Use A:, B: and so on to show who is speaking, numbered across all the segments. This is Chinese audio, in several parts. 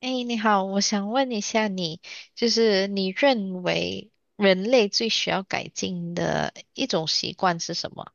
A: 哎，你好，我想问一下你，就是你认为人类最需要改进的一种习惯是什么？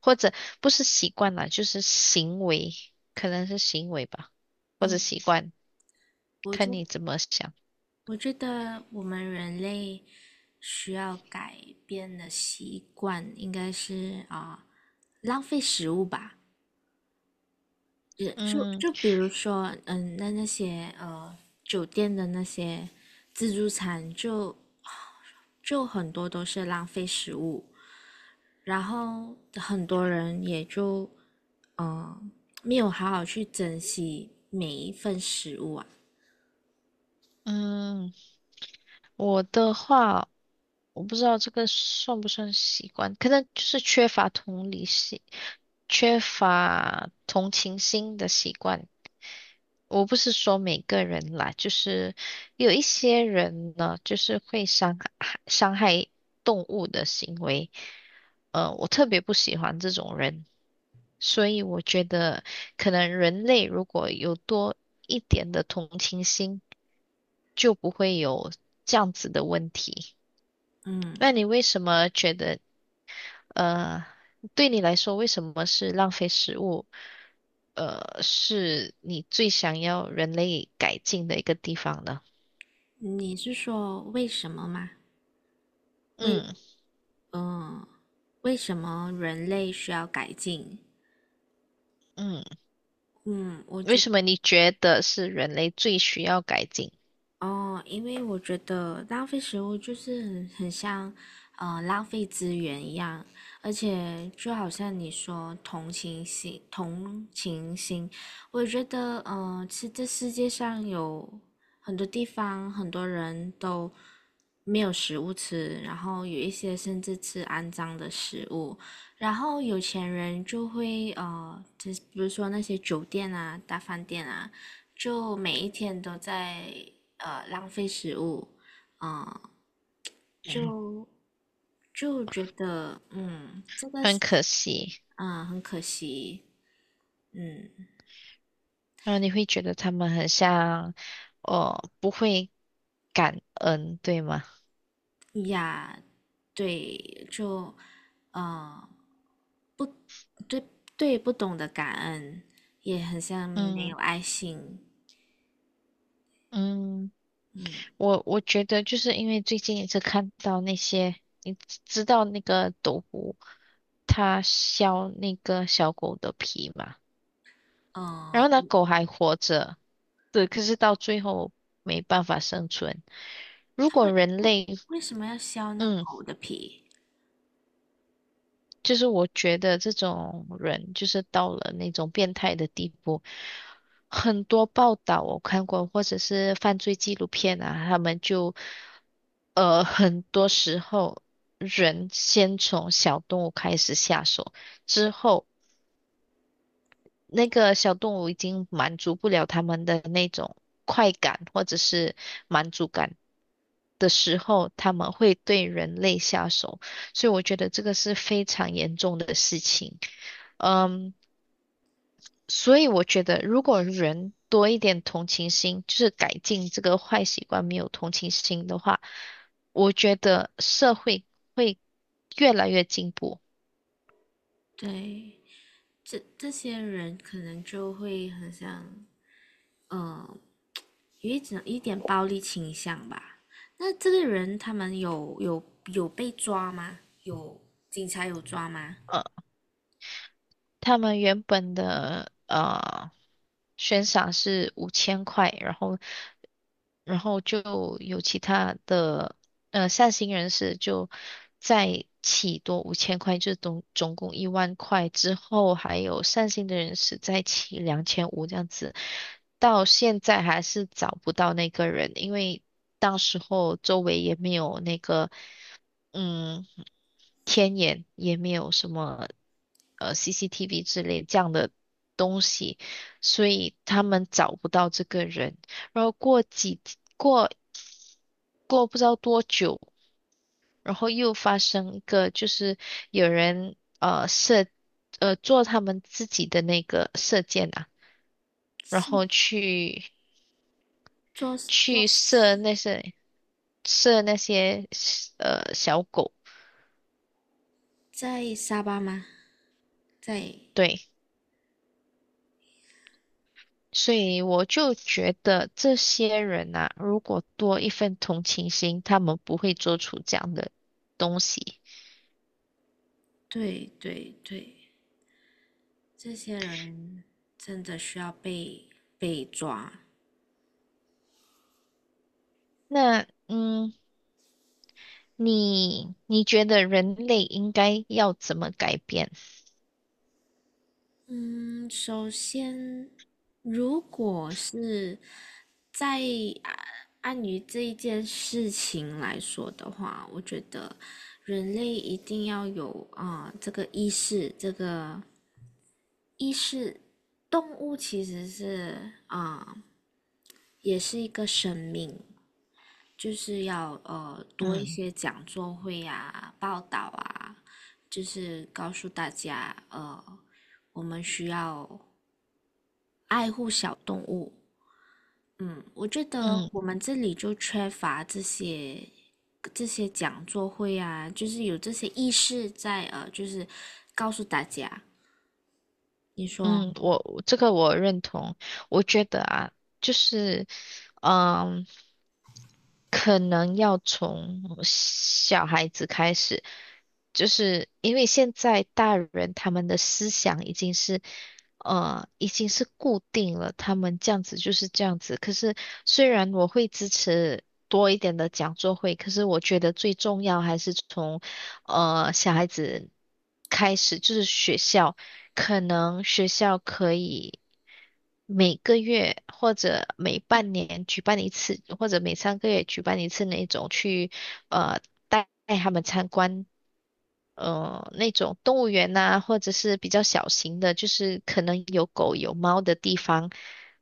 A: 或者不是习惯啦，就是行为，可能是行为吧，或者习惯，
B: 我觉
A: 看你怎么想。
B: 我觉得我们人类需要改变的习惯应该是浪费食物吧。也就
A: 嗯
B: 就比如说，那些酒店的那些自助餐就很多都是浪费食物，然后很多人也就嗯、呃没有好好去珍惜每一份食物啊。
A: 嗯，我的话，我不知道这个算不算习惯，可能就是缺乏同理心、缺乏同情心的习惯。我不是说每个人啦，就是有一些人呢，就是会伤害动物的行为，我特别不喜欢这种人，所以我觉得可能人类如果有多一点的同情心，就不会有这样子的问题。
B: 嗯，
A: 那你为什么觉得，呃，对你来说，为什么是浪费食物？是你最想要人类改进的一个地方呢？
B: 你是说为什么吗？为
A: 嗯
B: 嗯，为什么人类需要改进？
A: 嗯，
B: 嗯，我
A: 为
B: 觉
A: 什么你觉得是人类最需要改进？
B: 哦，因为我觉得浪费食物就是很像，浪费资源一样，而且就好像你说同情心，同情心，我觉得，是这世界上有很多地方，很多人都没有食物吃，然后有一些甚至吃肮脏的食物，然后有钱人就会，就是比如说那些酒店啊、大饭店啊。就每一天都在浪费食物，
A: 嗯
B: 就就觉得嗯，
A: 很可惜，
B: 嗯很可惜，嗯
A: 然后你会觉得他们很像，哦，不会感恩，对吗？
B: 呀，对，呃对对不懂得感恩，也很像没
A: 嗯
B: 有爱心，
A: 嗯，
B: 嗯
A: 我觉得就是因为最近一直看到那些，你知道那个斗篷，它削那个小狗的皮嘛？然
B: 呃，
A: 后那狗还活着，对，可是到最后没办法生存。如
B: 他
A: 果人
B: 为
A: 类，
B: 为什么要削那
A: 嗯，
B: 狗的皮？
A: 就是我觉得这种人就是到了那种变态的地步，很多报道我看过，或者是犯罪纪录片啊，他们就，很多时候人先从小动物开始下手，之后。那个小动物已经满足不了他们的那种快感或者是满足感的时候，他们会对人类下手，所以我觉得这个是非常严重的事情。嗯，所以我觉得如果人多一点同情心，就是改进这个坏习惯，没有同情心的话，我觉得社会会越来越进步。
B: 对，这这些人可能就会很像嗯。呃有一点暴力倾向吧。那这个人他们有被抓吗？有警察有抓吗？
A: 他们原本的悬赏是五千块，然后就有其他的善心人士就再起多五千块，就总共10000块之后，还有善心的人士再起2500这样子，到现在还是找不到那个人，因为当时候周围也没有那个嗯。天眼，也没有什么CCTV 之类这样的东西，所以他们找不到这个人。然后过几过过不知道多久，然后又发生一个，就是有人呃射呃做他们自己的那个射箭啊，然后
B: 是抓抓
A: 去射那些射那些小狗，
B: 在沙巴吗？在
A: 对。所以我就觉得这些人呐、如果多一份同情心，他们不会做出这样的东西。
B: 对对对，这些人真的需要被抓。
A: 那嗯，你觉得人类应该要怎么改变？
B: 嗯，首先，如果是在啊按于这一件事情来说的话，我觉得人类一定要有这个意识，这个意识。动物其实是也是一个生命，就是要多一
A: 嗯。
B: 些讲座会啊、报道啊，就是告诉大家我们需要爱护小动物，嗯，我觉得
A: 嗯。
B: 我们这里就缺乏这些讲座会啊，就是有这些意识在，就是告诉大家，你说
A: 嗯，我这个我认同，我觉得啊，就是嗯。可能要从小孩子开始，就是因为现在大人他们的思想已经是，已经是固定了，他们这样子就是这样子。可是虽然我会支持多一点的讲座会，可是我觉得最重要还是从，小孩子开始，就是学校。可能学校可以每个月或者每半年举办一次，或者每三个月举办一次那种去呃带他们参观那种动物园呐、或者是比较小型的，就是可能有狗有猫的地方，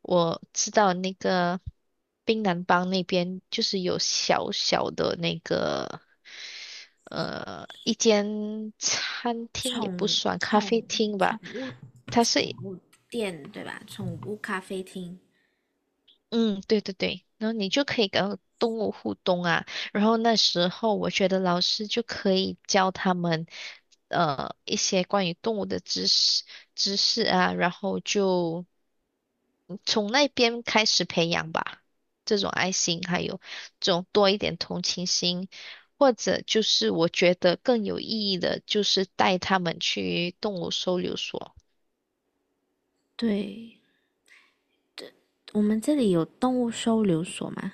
A: 我知道那个槟榔帮那边就是有小小的那个一间餐厅也不
B: 宠
A: 算
B: 宠
A: 咖啡厅
B: 宠
A: 吧，
B: 物
A: 它是
B: 店对吧？宠物咖啡厅，
A: 嗯，对对对，然后你就可以跟动物互动啊。然后那时候我觉得老师就可以教他们一些关于动物的知识啊，然后就从那边开始培养吧，这种爱心，还有这种多一点同情心，或者就是我觉得更有意义的，就是带他们去动物收留所，
B: 对，我们这里有动物收留所嘛，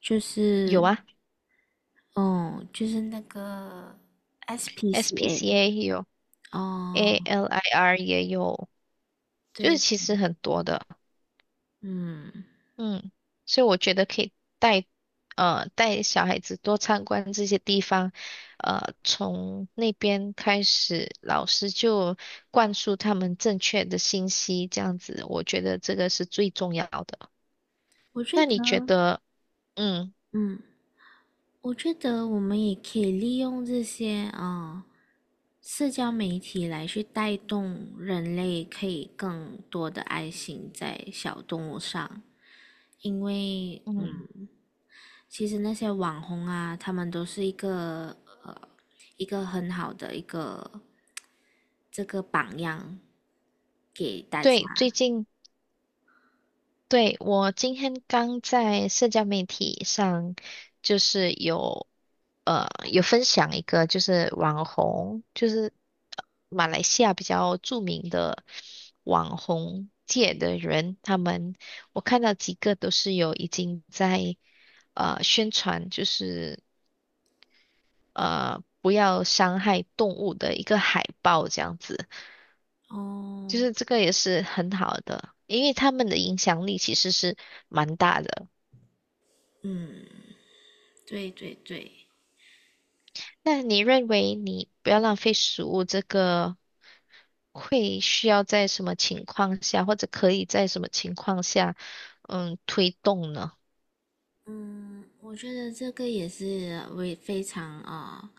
B: 就
A: 有
B: 是
A: 啊
B: 哦，就是那个 SPCA。
A: ，SPCA 也有
B: 哦，
A: ，ALIR 也有。就是
B: 对，
A: 其实很多的，
B: 嗯，
A: 嗯，所以我觉得可以带带小孩子多参观这些地方，从那边开始，老师就灌输他们正确的信息，这样子，我觉得这个是最重要的。
B: 我觉
A: 那
B: 得，
A: 你觉得，嗯
B: 嗯，我觉得我们也可以利用这些社交媒体来去带动人类可以更多的爱心在小动物上，因为
A: 嗯，
B: 嗯，其实那些网红啊，他们都是一个呃一个很好的一个这个榜样给大家。
A: 对，最近。对，我今天刚在社交媒体上，就是有呃有分享一个，就是网红，就是呃马来西亚比较著名的网红界的人，他们我看到几个都是有已经在宣传，就是不要伤害动物的一个海报这样子。就
B: 哦，
A: 是这个也是很好的，因为他们的影响力其实是蛮大的。
B: 嗯，对对对。
A: 那你认为你不要浪费食物这个会需要在什么情况下，或者可以在什么情况下，嗯，推动呢？
B: 嗯，我觉得这个也是为非常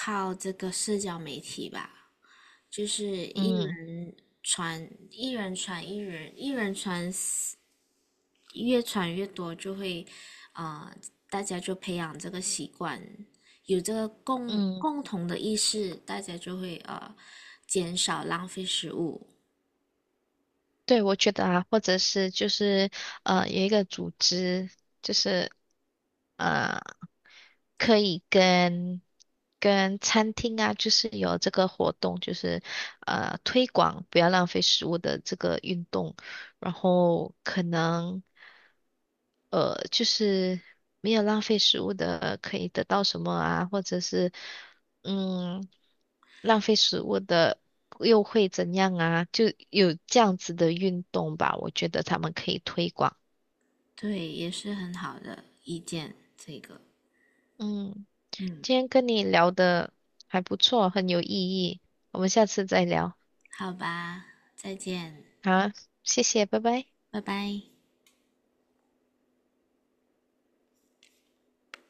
B: 靠这个社交媒体吧，就是
A: 嗯
B: 一人，一人传十越传越多，就会啊、呃大家就培养这个习惯，有这个
A: 嗯，
B: 共同的意识，大家就会减少浪费食物，
A: 对，我觉得啊，或者是就是有一个组织，就是呃可以跟餐厅啊，就是有这个活动，就是推广不要浪费食物的这个运动，然后可能就是没有浪费食物的可以得到什么啊，或者是嗯浪费食物的又会怎样啊？就有这样子的运动吧，我觉得他们可以推广。
B: 对，也是很好的意见，这个，
A: 嗯，
B: 嗯，
A: 今天跟你聊的还不错，很有意义，我们下次再聊。
B: 好吧，再见，
A: 好，谢谢，拜拜。
B: 拜拜。